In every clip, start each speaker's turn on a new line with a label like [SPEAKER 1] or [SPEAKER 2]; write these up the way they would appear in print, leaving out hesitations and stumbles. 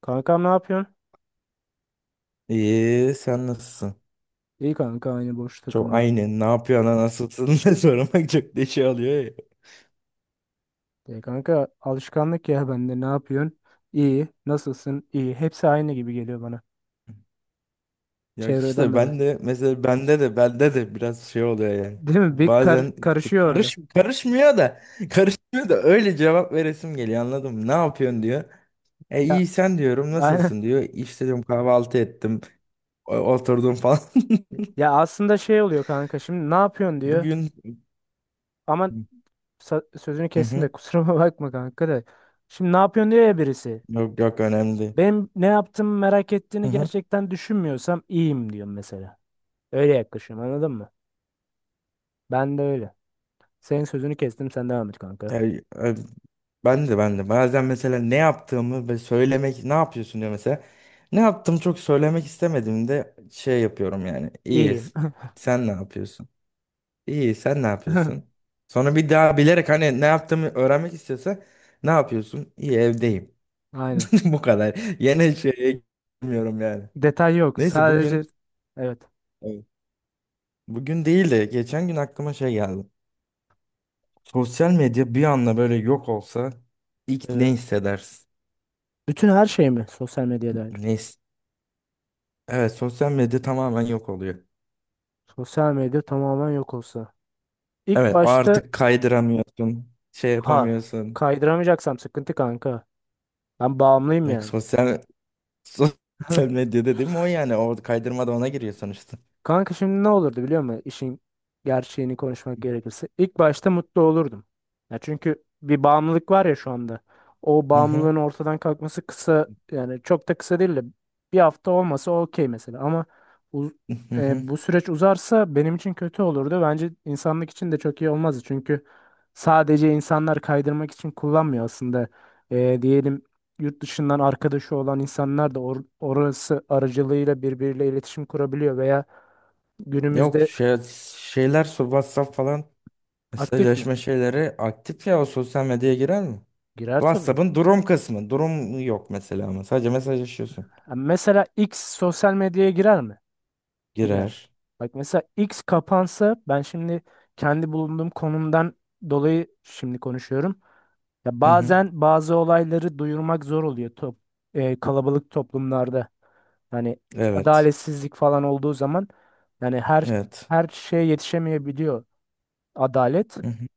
[SPEAKER 1] Kankam ne yapıyorsun?
[SPEAKER 2] İyi, sen nasılsın?
[SPEAKER 1] İyi kanka aynı boş
[SPEAKER 2] Çok
[SPEAKER 1] takılmaca.
[SPEAKER 2] aynı. Ne yapıyorsun, nasılsın diye sormak çok da şey alıyor ya.
[SPEAKER 1] Kanka alışkanlık ya bende ne yapıyorsun? İyi. Nasılsın? İyi. Hepsi aynı gibi geliyor bana.
[SPEAKER 2] Yok
[SPEAKER 1] Çevreden
[SPEAKER 2] işte
[SPEAKER 1] dolayı.
[SPEAKER 2] ben de mesela bende de biraz şey oluyor yani.
[SPEAKER 1] Değil mi? Bir kar
[SPEAKER 2] Bazen
[SPEAKER 1] karışıyor
[SPEAKER 2] karış
[SPEAKER 1] orada.
[SPEAKER 2] karışmıyor da karışmıyor da öyle cevap veresim geliyor anladın mı? Ne yapıyorsun diyor. E
[SPEAKER 1] Ya
[SPEAKER 2] iyi sen diyorum
[SPEAKER 1] aynen.
[SPEAKER 2] nasılsın diyor. İşte diyorum kahvaltı ettim oturdum falan.
[SPEAKER 1] Ya aslında şey oluyor kanka, şimdi ne yapıyorsun diyor.
[SPEAKER 2] Bugün
[SPEAKER 1] Ama sözünü
[SPEAKER 2] hı
[SPEAKER 1] kestim
[SPEAKER 2] hı.
[SPEAKER 1] de kusuruma bakma kanka da. Şimdi ne yapıyorsun diyor ya birisi.
[SPEAKER 2] Yok, önemli değil.
[SPEAKER 1] Benim ne yaptığımı merak ettiğini gerçekten düşünmüyorsam iyiyim diyorum mesela. Öyle yaklaşıyorum, anladın mı? Ben de öyle. Senin sözünü kestim, sen devam et
[SPEAKER 2] Ya,
[SPEAKER 1] kanka.
[SPEAKER 2] e, ben de bazen mesela ne yaptığımı ve söylemek ne yapıyorsun diyor mesela. Ne yaptım çok söylemek istemediğimde şey yapıyorum yani. İyi
[SPEAKER 1] İyiyim.
[SPEAKER 2] sen ne yapıyorsun? İyi sen ne yapıyorsun? Sonra bir daha bilerek hani ne yaptığımı öğrenmek istiyorsa ne yapıyorsun? İyi evdeyim.
[SPEAKER 1] Aynen.
[SPEAKER 2] Bu kadar. Yine şeye girmiyorum yani.
[SPEAKER 1] Detay yok.
[SPEAKER 2] Neyse
[SPEAKER 1] Sadece
[SPEAKER 2] bugün
[SPEAKER 1] evet.
[SPEAKER 2] evet, bugün değil de geçen gün aklıma şey geldi. Sosyal medya bir anda böyle yok olsa ilk ne
[SPEAKER 1] Evet.
[SPEAKER 2] hissedersin?
[SPEAKER 1] Bütün her şey mi sosyal medya dair?
[SPEAKER 2] Ne evet, sosyal medya tamamen yok oluyor.
[SPEAKER 1] Sosyal medya tamamen yok olsa. İlk
[SPEAKER 2] Evet
[SPEAKER 1] başta,
[SPEAKER 2] artık kaydıramıyorsun. Şey
[SPEAKER 1] ha,
[SPEAKER 2] yapamıyorsun.
[SPEAKER 1] kaydıramayacaksam sıkıntı kanka. Ben bağımlıyım
[SPEAKER 2] Like,
[SPEAKER 1] yani.
[SPEAKER 2] sosyal sosyal medya dediğim o yani. O kaydırma da ona giriyor sonuçta.
[SPEAKER 1] Kanka şimdi ne olurdu biliyor musun? İşin gerçeğini konuşmak gerekirse, İlk başta mutlu olurdum. Ya çünkü bir bağımlılık var ya şu anda. O
[SPEAKER 2] Hı hı.
[SPEAKER 1] bağımlılığın ortadan kalkması kısa, yani çok da kısa değil de bir hafta olmasa okey mesela. Ama uz-
[SPEAKER 2] Hı hı.
[SPEAKER 1] bu süreç uzarsa benim için kötü olurdu. Bence insanlık için de çok iyi olmazdı. Çünkü sadece insanlar kaydırmak için kullanmıyor aslında. Diyelim yurt dışından arkadaşı olan insanlar da orası aracılığıyla birbiriyle iletişim kurabiliyor veya
[SPEAKER 2] Yok
[SPEAKER 1] günümüzde
[SPEAKER 2] şey, WhatsApp falan
[SPEAKER 1] aktif mi?
[SPEAKER 2] mesajlaşma şeyleri aktif ya o sosyal medyaya girer mi?
[SPEAKER 1] Girer tabii.
[SPEAKER 2] WhatsApp'ın durum kısmı. Durum yok mesela ama sadece mesajlaşıyorsun.
[SPEAKER 1] Ha, mesela X sosyal medyaya girer mi? Girer.
[SPEAKER 2] Girer.
[SPEAKER 1] Bak mesela X kapansa, ben şimdi kendi bulunduğum konumdan dolayı şimdi konuşuyorum. Ya
[SPEAKER 2] Hı hı.
[SPEAKER 1] bazen bazı olayları duyurmak zor oluyor, kalabalık toplumlarda. Hani
[SPEAKER 2] Evet.
[SPEAKER 1] adaletsizlik falan olduğu zaman yani
[SPEAKER 2] Evet.
[SPEAKER 1] her şeye yetişemeyebiliyor adalet.
[SPEAKER 2] Hı hı.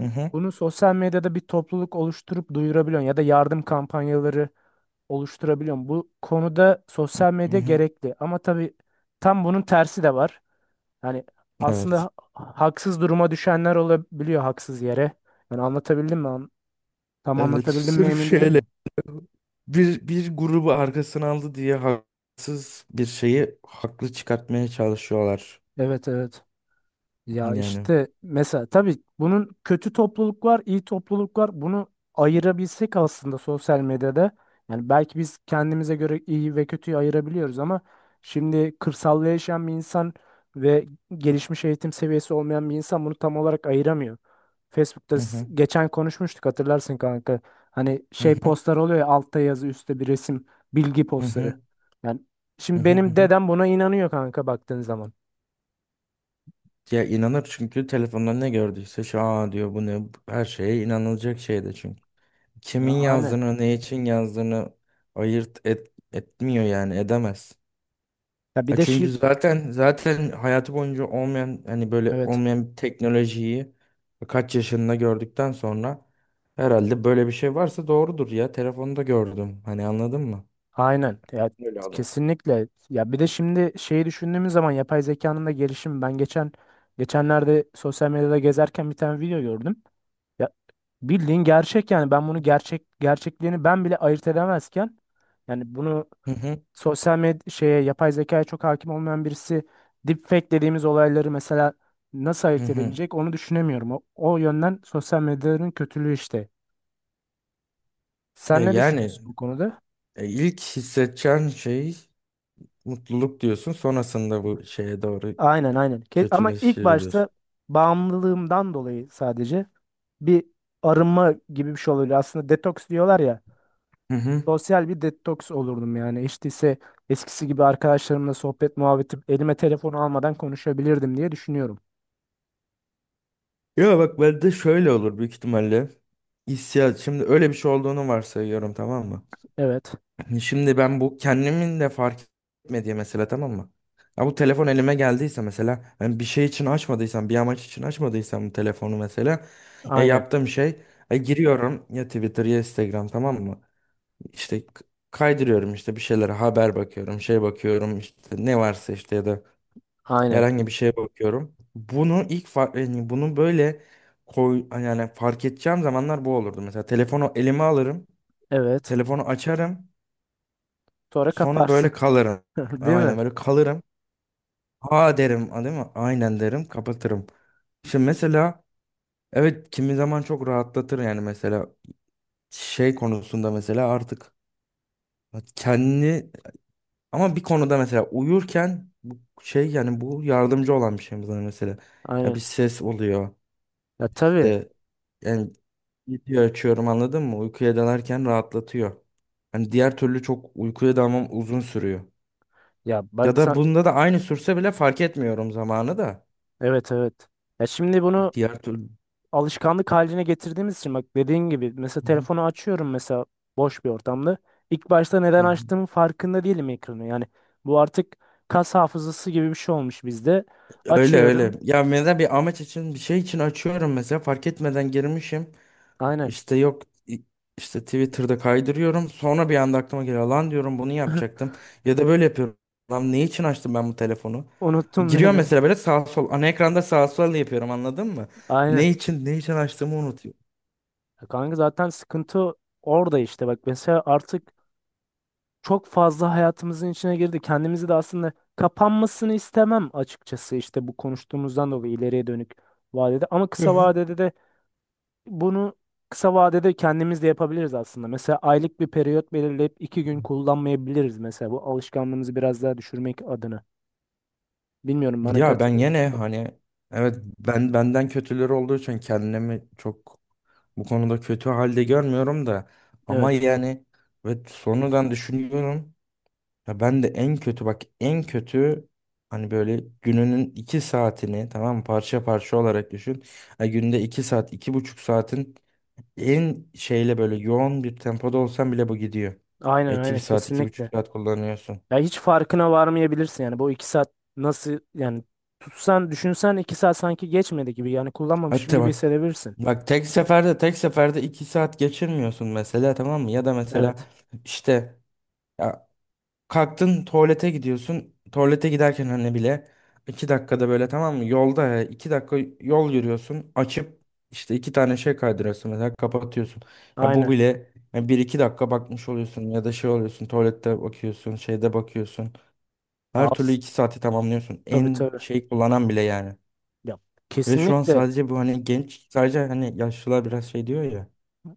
[SPEAKER 2] Hı hı.
[SPEAKER 1] Bunu sosyal medyada bir topluluk oluşturup duyurabiliyorsun ya da yardım kampanyaları oluşturabiliyorum. Bu konuda sosyal
[SPEAKER 2] Hı
[SPEAKER 1] medya
[SPEAKER 2] hı.
[SPEAKER 1] gerekli ama tabii tam bunun tersi de var. Yani aslında
[SPEAKER 2] Evet.
[SPEAKER 1] haksız duruma düşenler olabiliyor haksız yere. Yani anlatabildim mi? Tam
[SPEAKER 2] Evet.
[SPEAKER 1] anlatabildim mi
[SPEAKER 2] Sırf
[SPEAKER 1] emin değilim
[SPEAKER 2] şeyle
[SPEAKER 1] mi?
[SPEAKER 2] bir grubu arkasına aldı diye haksız bir şeyi haklı çıkartmaya çalışıyorlar.
[SPEAKER 1] Evet, evet. Ya
[SPEAKER 2] Yani.
[SPEAKER 1] işte mesela tabii bunun kötü topluluk var, iyi topluluk var. Bunu ayırabilsek aslında sosyal medyada. Yani belki biz kendimize göre iyi ve kötüyü ayırabiliyoruz ama şimdi kırsalda yaşayan bir insan ve gelişmiş eğitim seviyesi olmayan bir insan bunu tam olarak ayıramıyor. Facebook'ta
[SPEAKER 2] Hı
[SPEAKER 1] s-
[SPEAKER 2] hı,
[SPEAKER 1] geçen konuşmuştuk, hatırlarsın kanka. Hani
[SPEAKER 2] hı
[SPEAKER 1] şey
[SPEAKER 2] hı,
[SPEAKER 1] postlar oluyor ya, altta yazı üstte bir resim, bilgi
[SPEAKER 2] hı
[SPEAKER 1] postları.
[SPEAKER 2] hı,
[SPEAKER 1] Yani
[SPEAKER 2] hı
[SPEAKER 1] şimdi
[SPEAKER 2] hı, hı
[SPEAKER 1] benim
[SPEAKER 2] hı.
[SPEAKER 1] dedem buna inanıyor kanka, baktığın zaman.
[SPEAKER 2] Ya inanır çünkü telefonda ne gördüyse şu aa diyor bu ne her şeye inanılacak şey de çünkü. Kimin
[SPEAKER 1] Ya, aynen.
[SPEAKER 2] yazdığını ne için yazdığını etmiyor yani edemez.
[SPEAKER 1] Ya bir
[SPEAKER 2] Ya
[SPEAKER 1] de
[SPEAKER 2] çünkü
[SPEAKER 1] şi-
[SPEAKER 2] zaten hayatı boyunca olmayan hani böyle
[SPEAKER 1] Evet,
[SPEAKER 2] olmayan bir teknolojiyi kaç yaşında gördükten sonra herhalde böyle bir şey varsa doğrudur ya. Telefonda gördüm. Hani anladın mı?
[SPEAKER 1] aynen. Ya
[SPEAKER 2] Öyle adam.
[SPEAKER 1] kesinlikle. Ya bir de şimdi şeyi düşündüğümüz zaman, yapay zekanın da gelişimi. Ben geçenlerde sosyal medyada gezerken bir tane video gördüm. Ya bildiğin gerçek, yani ben bunu gerçekliğini ben bile ayırt edemezken, yani bunu
[SPEAKER 2] Hı hı,
[SPEAKER 1] sosyal medya şeye, yapay zekaya çok hakim olmayan birisi deepfake dediğimiz olayları mesela nasıl
[SPEAKER 2] hı
[SPEAKER 1] ayırt
[SPEAKER 2] hı.
[SPEAKER 1] edebilecek onu düşünemiyorum. O yönden sosyal medyanın kötülüğü işte.
[SPEAKER 2] Ya
[SPEAKER 1] Sen ne
[SPEAKER 2] yani
[SPEAKER 1] düşünüyorsun bu konuda?
[SPEAKER 2] ilk hissedeceğin şey mutluluk diyorsun. Sonrasında bu şeye doğru
[SPEAKER 1] Aynen, aynen. Ama ilk
[SPEAKER 2] kötüleşir diyorsun.
[SPEAKER 1] başta bağımlılığımdan dolayı sadece bir arınma gibi bir şey oluyor. Aslında detoks diyorlar ya.
[SPEAKER 2] Hı hı.
[SPEAKER 1] Sosyal bir detoks olurdum yani. İşte ise eskisi gibi arkadaşlarımla sohbet muhabbeti elime telefonu almadan konuşabilirdim diye düşünüyorum.
[SPEAKER 2] Ya bak bende şöyle olur büyük ihtimalle. Hissiyat. Şimdi öyle bir şey olduğunu varsayıyorum, tamam mı?
[SPEAKER 1] Evet.
[SPEAKER 2] Şimdi ben bu kendimin de fark etmediği mesela, tamam mı? Ya bu telefon elime geldiyse mesela ben bir şey için açmadıysam bir amaç için açmadıysam bu telefonu mesela ya
[SPEAKER 1] Aynen.
[SPEAKER 2] yaptığım şey ya giriyorum ya Twitter ya Instagram, tamam mı? İşte kaydırıyorum işte bir şeylere haber bakıyorum şey bakıyorum işte ne varsa işte ya da
[SPEAKER 1] Aynen.
[SPEAKER 2] herhangi bir şeye bakıyorum. Bunu yani bunu böyle koy yani fark edeceğim zamanlar bu olurdu. Mesela telefonu elime alırım
[SPEAKER 1] Evet.
[SPEAKER 2] telefonu açarım
[SPEAKER 1] Sonra
[SPEAKER 2] sonra
[SPEAKER 1] kaparsın.
[SPEAKER 2] böyle kalırım.
[SPEAKER 1] Değil mi?
[SPEAKER 2] Aynen böyle kalırım. Ha derim a, değil mi? Aynen derim kapatırım. Şimdi mesela evet kimi zaman çok rahatlatır yani mesela şey konusunda mesela artık kendi ama bir konuda mesela uyurken bu şey yani bu yardımcı olan bir şey bana mesela. Ya bir
[SPEAKER 1] Aynen.
[SPEAKER 2] ses oluyor
[SPEAKER 1] Ya tabii.
[SPEAKER 2] işte yani video açıyorum anladın mı? Uykuya dalarken rahatlatıyor. Hani diğer türlü çok uykuya dalmam uzun sürüyor.
[SPEAKER 1] Ya
[SPEAKER 2] Ya
[SPEAKER 1] bak
[SPEAKER 2] da
[SPEAKER 1] sen...
[SPEAKER 2] bunda da aynı sürse bile fark etmiyorum zamanı da.
[SPEAKER 1] Evet, evet. Ya şimdi bunu
[SPEAKER 2] Diğer türlü.
[SPEAKER 1] alışkanlık haline getirdiğimiz için, bak dediğin gibi mesela
[SPEAKER 2] Hı hı,
[SPEAKER 1] telefonu açıyorum mesela boş bir ortamda. İlk başta
[SPEAKER 2] hı
[SPEAKER 1] neden
[SPEAKER 2] hı.
[SPEAKER 1] açtığımın farkında değilim ekranı. Yani bu artık kas hafızası gibi bir şey olmuş bizde.
[SPEAKER 2] Öyle öyle.
[SPEAKER 1] Açıyorum.
[SPEAKER 2] Ya mesela bir amaç için bir şey için açıyorum mesela fark etmeden girmişim.
[SPEAKER 1] Aynen.
[SPEAKER 2] İşte yok i- işte Twitter'da kaydırıyorum. Sonra bir anda aklıma geliyor lan diyorum bunu yapacaktım. Ya da böyle yapıyorum. Lan ne için açtım ben bu telefonu?
[SPEAKER 1] Unuttum
[SPEAKER 2] Giriyor
[SPEAKER 1] dedi.
[SPEAKER 2] mesela böyle sağ sol ana ekranda sağ sol yapıyorum anladın mı? Ne
[SPEAKER 1] Aynen.
[SPEAKER 2] için ne için açtığımı unutuyorum.
[SPEAKER 1] Ya kanka zaten sıkıntı orada işte, bak mesela artık çok fazla hayatımızın içine girdi. Kendimizi de aslında kapanmasını istemem, açıkçası işte bu konuştuğumuzdan dolayı ileriye dönük vadede, ama kısa vadede de bunu kısa vadede kendimiz de yapabiliriz aslında. Mesela aylık bir periyot belirleyip 2 gün kullanmayabiliriz mesela, bu alışkanlığımızı biraz daha düşürmek adına. Bilmiyorum, bana
[SPEAKER 2] Ya ben
[SPEAKER 1] katılır
[SPEAKER 2] yine
[SPEAKER 1] mısın da?
[SPEAKER 2] hani evet ben benden kötüleri olduğu için kendimi çok bu konuda kötü halde görmüyorum da ama
[SPEAKER 1] Evet.
[SPEAKER 2] yani ve sonradan düşünüyorum ya ben de en kötü bak en kötü hani böyle gününün 2 saatini, tamam mı? Parça parça olarak düşün. Ha, günde 2 saat 2,5 saatin en şeyle böyle yoğun bir tempoda olsan bile bu gidiyor.
[SPEAKER 1] Aynen,
[SPEAKER 2] İki bir
[SPEAKER 1] aynen,
[SPEAKER 2] saat iki buçuk
[SPEAKER 1] kesinlikle.
[SPEAKER 2] saat kullanıyorsun.
[SPEAKER 1] Ya hiç farkına varmayabilirsin, yani bu 2 saat nasıl yani, tutsan düşünsen 2 saat sanki geçmedi gibi, yani kullanmamışsın
[SPEAKER 2] Hatta
[SPEAKER 1] gibi
[SPEAKER 2] bak.
[SPEAKER 1] hissedebilirsin.
[SPEAKER 2] Bak tek seferde 2 saat geçirmiyorsun mesela, tamam mı? Ya da mesela
[SPEAKER 1] Evet.
[SPEAKER 2] işte ya kalktın tuvalete gidiyorsun. Tuvalete giderken hani bile 2 dakikada böyle, tamam mı? Yolda ya, 2 dakika yol yürüyorsun. Açıp işte iki tane şey kaydırıyorsun mesela kapatıyorsun. Ya bu
[SPEAKER 1] Aynen.
[SPEAKER 2] bile ya bir iki dakika bakmış oluyorsun ya da şey oluyorsun tuvalette bakıyorsun şeyde bakıyorsun.
[SPEAKER 1] Ya
[SPEAKER 2] Her türlü
[SPEAKER 1] as-
[SPEAKER 2] 2 saati tamamlıyorsun.
[SPEAKER 1] tabii,
[SPEAKER 2] En
[SPEAKER 1] tabii.
[SPEAKER 2] şey kullanan bile yani.
[SPEAKER 1] Ya
[SPEAKER 2] Ve şu an
[SPEAKER 1] kesinlikle
[SPEAKER 2] sadece bu hani genç sadece hani yaşlılar biraz şey diyor ya.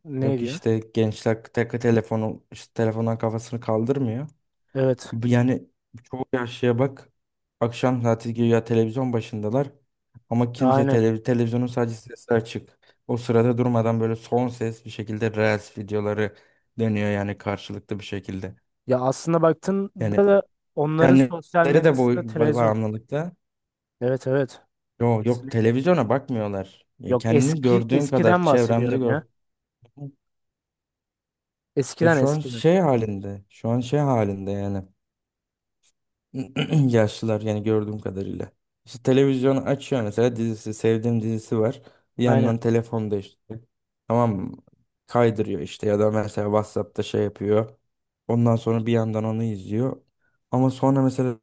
[SPEAKER 1] ne
[SPEAKER 2] Yok
[SPEAKER 1] diyor?
[SPEAKER 2] işte gençler tek telefonu işte telefondan kafasını kaldırmıyor.
[SPEAKER 1] Evet.
[SPEAKER 2] Bu yani çoğu yaşlıya bak akşam saati güya televizyon başındalar. Ama kimse
[SPEAKER 1] Aynen.
[SPEAKER 2] televizyonun sadece sesi açık. O sırada durmadan böyle son ses bir şekilde Reels videoları dönüyor yani karşılıklı bir şekilde.
[SPEAKER 1] Ya aslında
[SPEAKER 2] Yani
[SPEAKER 1] baktığında da onların sosyal
[SPEAKER 2] kendileri de bu
[SPEAKER 1] medyası da televizyon.
[SPEAKER 2] bağımlılıkta.
[SPEAKER 1] Evet, evet.
[SPEAKER 2] Yok yok,
[SPEAKER 1] Kesinlikle.
[SPEAKER 2] televizyona bakmıyorlar. Yani
[SPEAKER 1] Yok
[SPEAKER 2] kendini gördüğüm kadar
[SPEAKER 1] eskiden
[SPEAKER 2] çevremde
[SPEAKER 1] bahsediyorum
[SPEAKER 2] gör.
[SPEAKER 1] ya.
[SPEAKER 2] Ya
[SPEAKER 1] Eskiden,
[SPEAKER 2] şu an
[SPEAKER 1] eskiden.
[SPEAKER 2] şey halinde, şu an şey halinde yani yaşlılar yani gördüğüm kadarıyla. İşte televizyonu açıyor mesela dizisi, sevdiğim dizisi var. Bir yandan
[SPEAKER 1] Aynen.
[SPEAKER 2] telefonda işte, tamam mı? Kaydırıyor işte ya da mesela WhatsApp'ta şey yapıyor. Ondan sonra bir yandan onu izliyor. Ama sonra mesela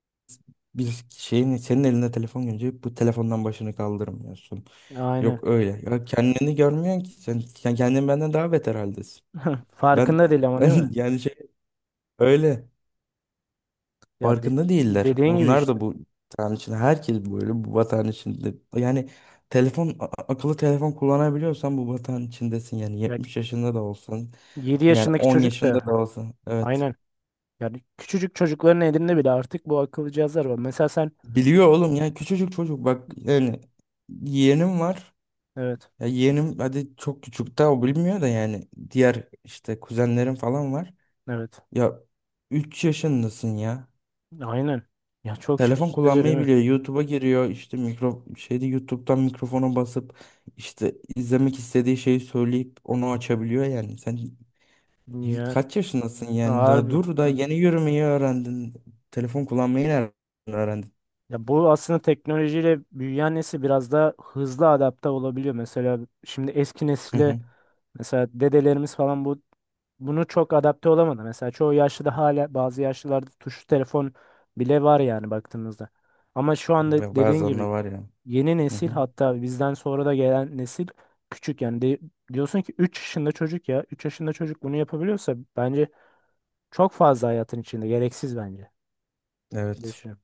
[SPEAKER 2] bir şeyin senin elinde telefon görünce bu telefondan başını kaldırmıyorsun.
[SPEAKER 1] Aynen.
[SPEAKER 2] Yok öyle. Ya kendini görmüyorsun ki sen, kendin benden daha beter haldesin. Ben
[SPEAKER 1] Farkında değil ama,
[SPEAKER 2] ben
[SPEAKER 1] değil mi?
[SPEAKER 2] yani şey öyle.
[SPEAKER 1] Ya
[SPEAKER 2] Farkında değiller.
[SPEAKER 1] dediğin gibi
[SPEAKER 2] Onlar
[SPEAKER 1] işte.
[SPEAKER 2] da bu vatan için herkes böyle bu vatan içinde. Yani telefon akıllı telefon kullanabiliyorsan bu vatan içindesin yani
[SPEAKER 1] Ya
[SPEAKER 2] 70 yaşında da olsan
[SPEAKER 1] 7
[SPEAKER 2] yani
[SPEAKER 1] yaşındaki
[SPEAKER 2] 10
[SPEAKER 1] çocuk
[SPEAKER 2] yaşında
[SPEAKER 1] da
[SPEAKER 2] da olsan evet.
[SPEAKER 1] aynen. Yani küçücük çocukların elinde bile artık bu akıllı cihazlar var. Mesela sen
[SPEAKER 2] Biliyor oğlum ya küçücük çocuk bak yani yeğenim var.
[SPEAKER 1] evet.
[SPEAKER 2] Ya yeğenim hadi çok küçük daha o bilmiyor da yani diğer işte kuzenlerim falan var.
[SPEAKER 1] Evet.
[SPEAKER 2] Ya 3 yaşındasın ya.
[SPEAKER 1] Aynen. Ya çok
[SPEAKER 2] Telefon
[SPEAKER 1] şaşırtıcı değil
[SPEAKER 2] kullanmayı
[SPEAKER 1] mi?
[SPEAKER 2] biliyor. YouTube'a giriyor. İşte mikro şeyde YouTube'dan mikrofona basıp işte izlemek istediği şeyi söyleyip onu açabiliyor yani. Sen
[SPEAKER 1] Ya
[SPEAKER 2] kaç yaşındasın yani? Daha
[SPEAKER 1] harbi.
[SPEAKER 2] dur da yeni yürümeyi öğrendin. Telefon kullanmayı nereden öğrendin?
[SPEAKER 1] Ya bu aslında teknolojiyle büyüyen nesil biraz da hızlı adapte olabiliyor. Mesela şimdi eski
[SPEAKER 2] Hı
[SPEAKER 1] nesile
[SPEAKER 2] hı.
[SPEAKER 1] mesela dedelerimiz falan bu bunu çok adapte olamadı. Mesela çoğu yaşlıda hala bazı yaşlılarda tuşlu telefon bile var yani baktığımızda. Ama şu anda
[SPEAKER 2] Ve
[SPEAKER 1] dediğin
[SPEAKER 2] bazen de
[SPEAKER 1] gibi
[SPEAKER 2] var ya.
[SPEAKER 1] yeni
[SPEAKER 2] Hı
[SPEAKER 1] nesil,
[SPEAKER 2] hı.
[SPEAKER 1] hatta bizden sonra da gelen nesil küçük yani, diyorsun ki 3 yaşında çocuk, ya 3 yaşında çocuk bunu yapabiliyorsa bence çok fazla hayatın içinde, gereksiz bence.
[SPEAKER 2] Evet.
[SPEAKER 1] Düşünüyorum.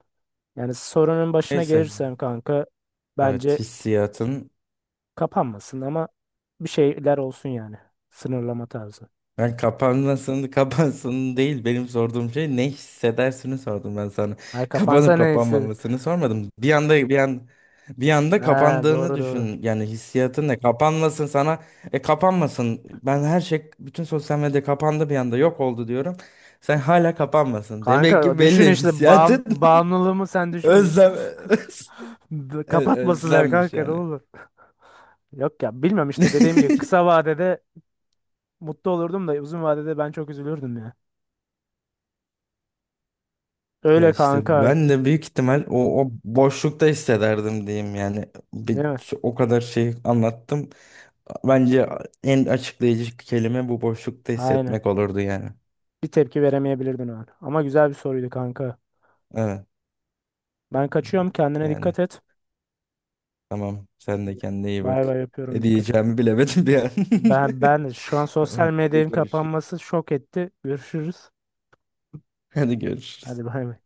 [SPEAKER 1] Yani sorunun başına
[SPEAKER 2] Neyse.
[SPEAKER 1] gelirsen kanka,
[SPEAKER 2] Evet
[SPEAKER 1] bence
[SPEAKER 2] hissiyatın
[SPEAKER 1] kapanmasın ama bir şeyler olsun yani. Sınırlama tarzı.
[SPEAKER 2] ben kapanmasını kapansın değil, benim sorduğum şey ne hissedersini sordum ben sana.
[SPEAKER 1] Ay kapansa
[SPEAKER 2] Kapanıp
[SPEAKER 1] neyse.
[SPEAKER 2] kapanmamasını sormadım. Bir anda
[SPEAKER 1] Ha,
[SPEAKER 2] kapandığını
[SPEAKER 1] doğru, doğru.
[SPEAKER 2] düşün. Yani hissiyatın ne? Kapanmasın sana. E kapanmasın. Ben her şey bütün sosyal medya kapandı bir anda yok oldu diyorum. Sen hala kapanmasın. Demek ki
[SPEAKER 1] Kanka düşün
[SPEAKER 2] belli
[SPEAKER 1] işte,
[SPEAKER 2] hissiyatın
[SPEAKER 1] bağımlılığımı sen düşün.
[SPEAKER 2] özlem
[SPEAKER 1] Kapatmasınlar
[SPEAKER 2] özlenmiş
[SPEAKER 1] kanka, ne
[SPEAKER 2] yani.
[SPEAKER 1] olur. Yok ya, bilmem, işte dediğim gibi kısa vadede mutlu olurdum da uzun vadede ben çok üzülürdüm ya.
[SPEAKER 2] Ya
[SPEAKER 1] Öyle
[SPEAKER 2] işte
[SPEAKER 1] kanka,
[SPEAKER 2] ben de büyük ihtimal o boşlukta hissederdim diyeyim yani. Bir,
[SPEAKER 1] değil mi?
[SPEAKER 2] o kadar şey anlattım. Bence en açıklayıcı kelime bu boşlukta
[SPEAKER 1] Aynen.
[SPEAKER 2] hissetmek olurdu yani.
[SPEAKER 1] Bir tepki veremeyebilirdin o an. Ama güzel bir soruydu kanka.
[SPEAKER 2] Evet.
[SPEAKER 1] Ben kaçıyorum,
[SPEAKER 2] Evet.
[SPEAKER 1] kendine
[SPEAKER 2] Yani
[SPEAKER 1] dikkat et.
[SPEAKER 2] tamam, sen de kendine iyi
[SPEAKER 1] Bay
[SPEAKER 2] bak.
[SPEAKER 1] bay yapıyorum,
[SPEAKER 2] Ne
[SPEAKER 1] dikkat et.
[SPEAKER 2] diyeceğimi bilemedim bir an.
[SPEAKER 1] Ben şu an sosyal
[SPEAKER 2] Tamam hadi
[SPEAKER 1] medyanın
[SPEAKER 2] görüşürüz.
[SPEAKER 1] kapanması şok etti. Görüşürüz.
[SPEAKER 2] Hadi görüşürüz.
[SPEAKER 1] Hadi bay bay.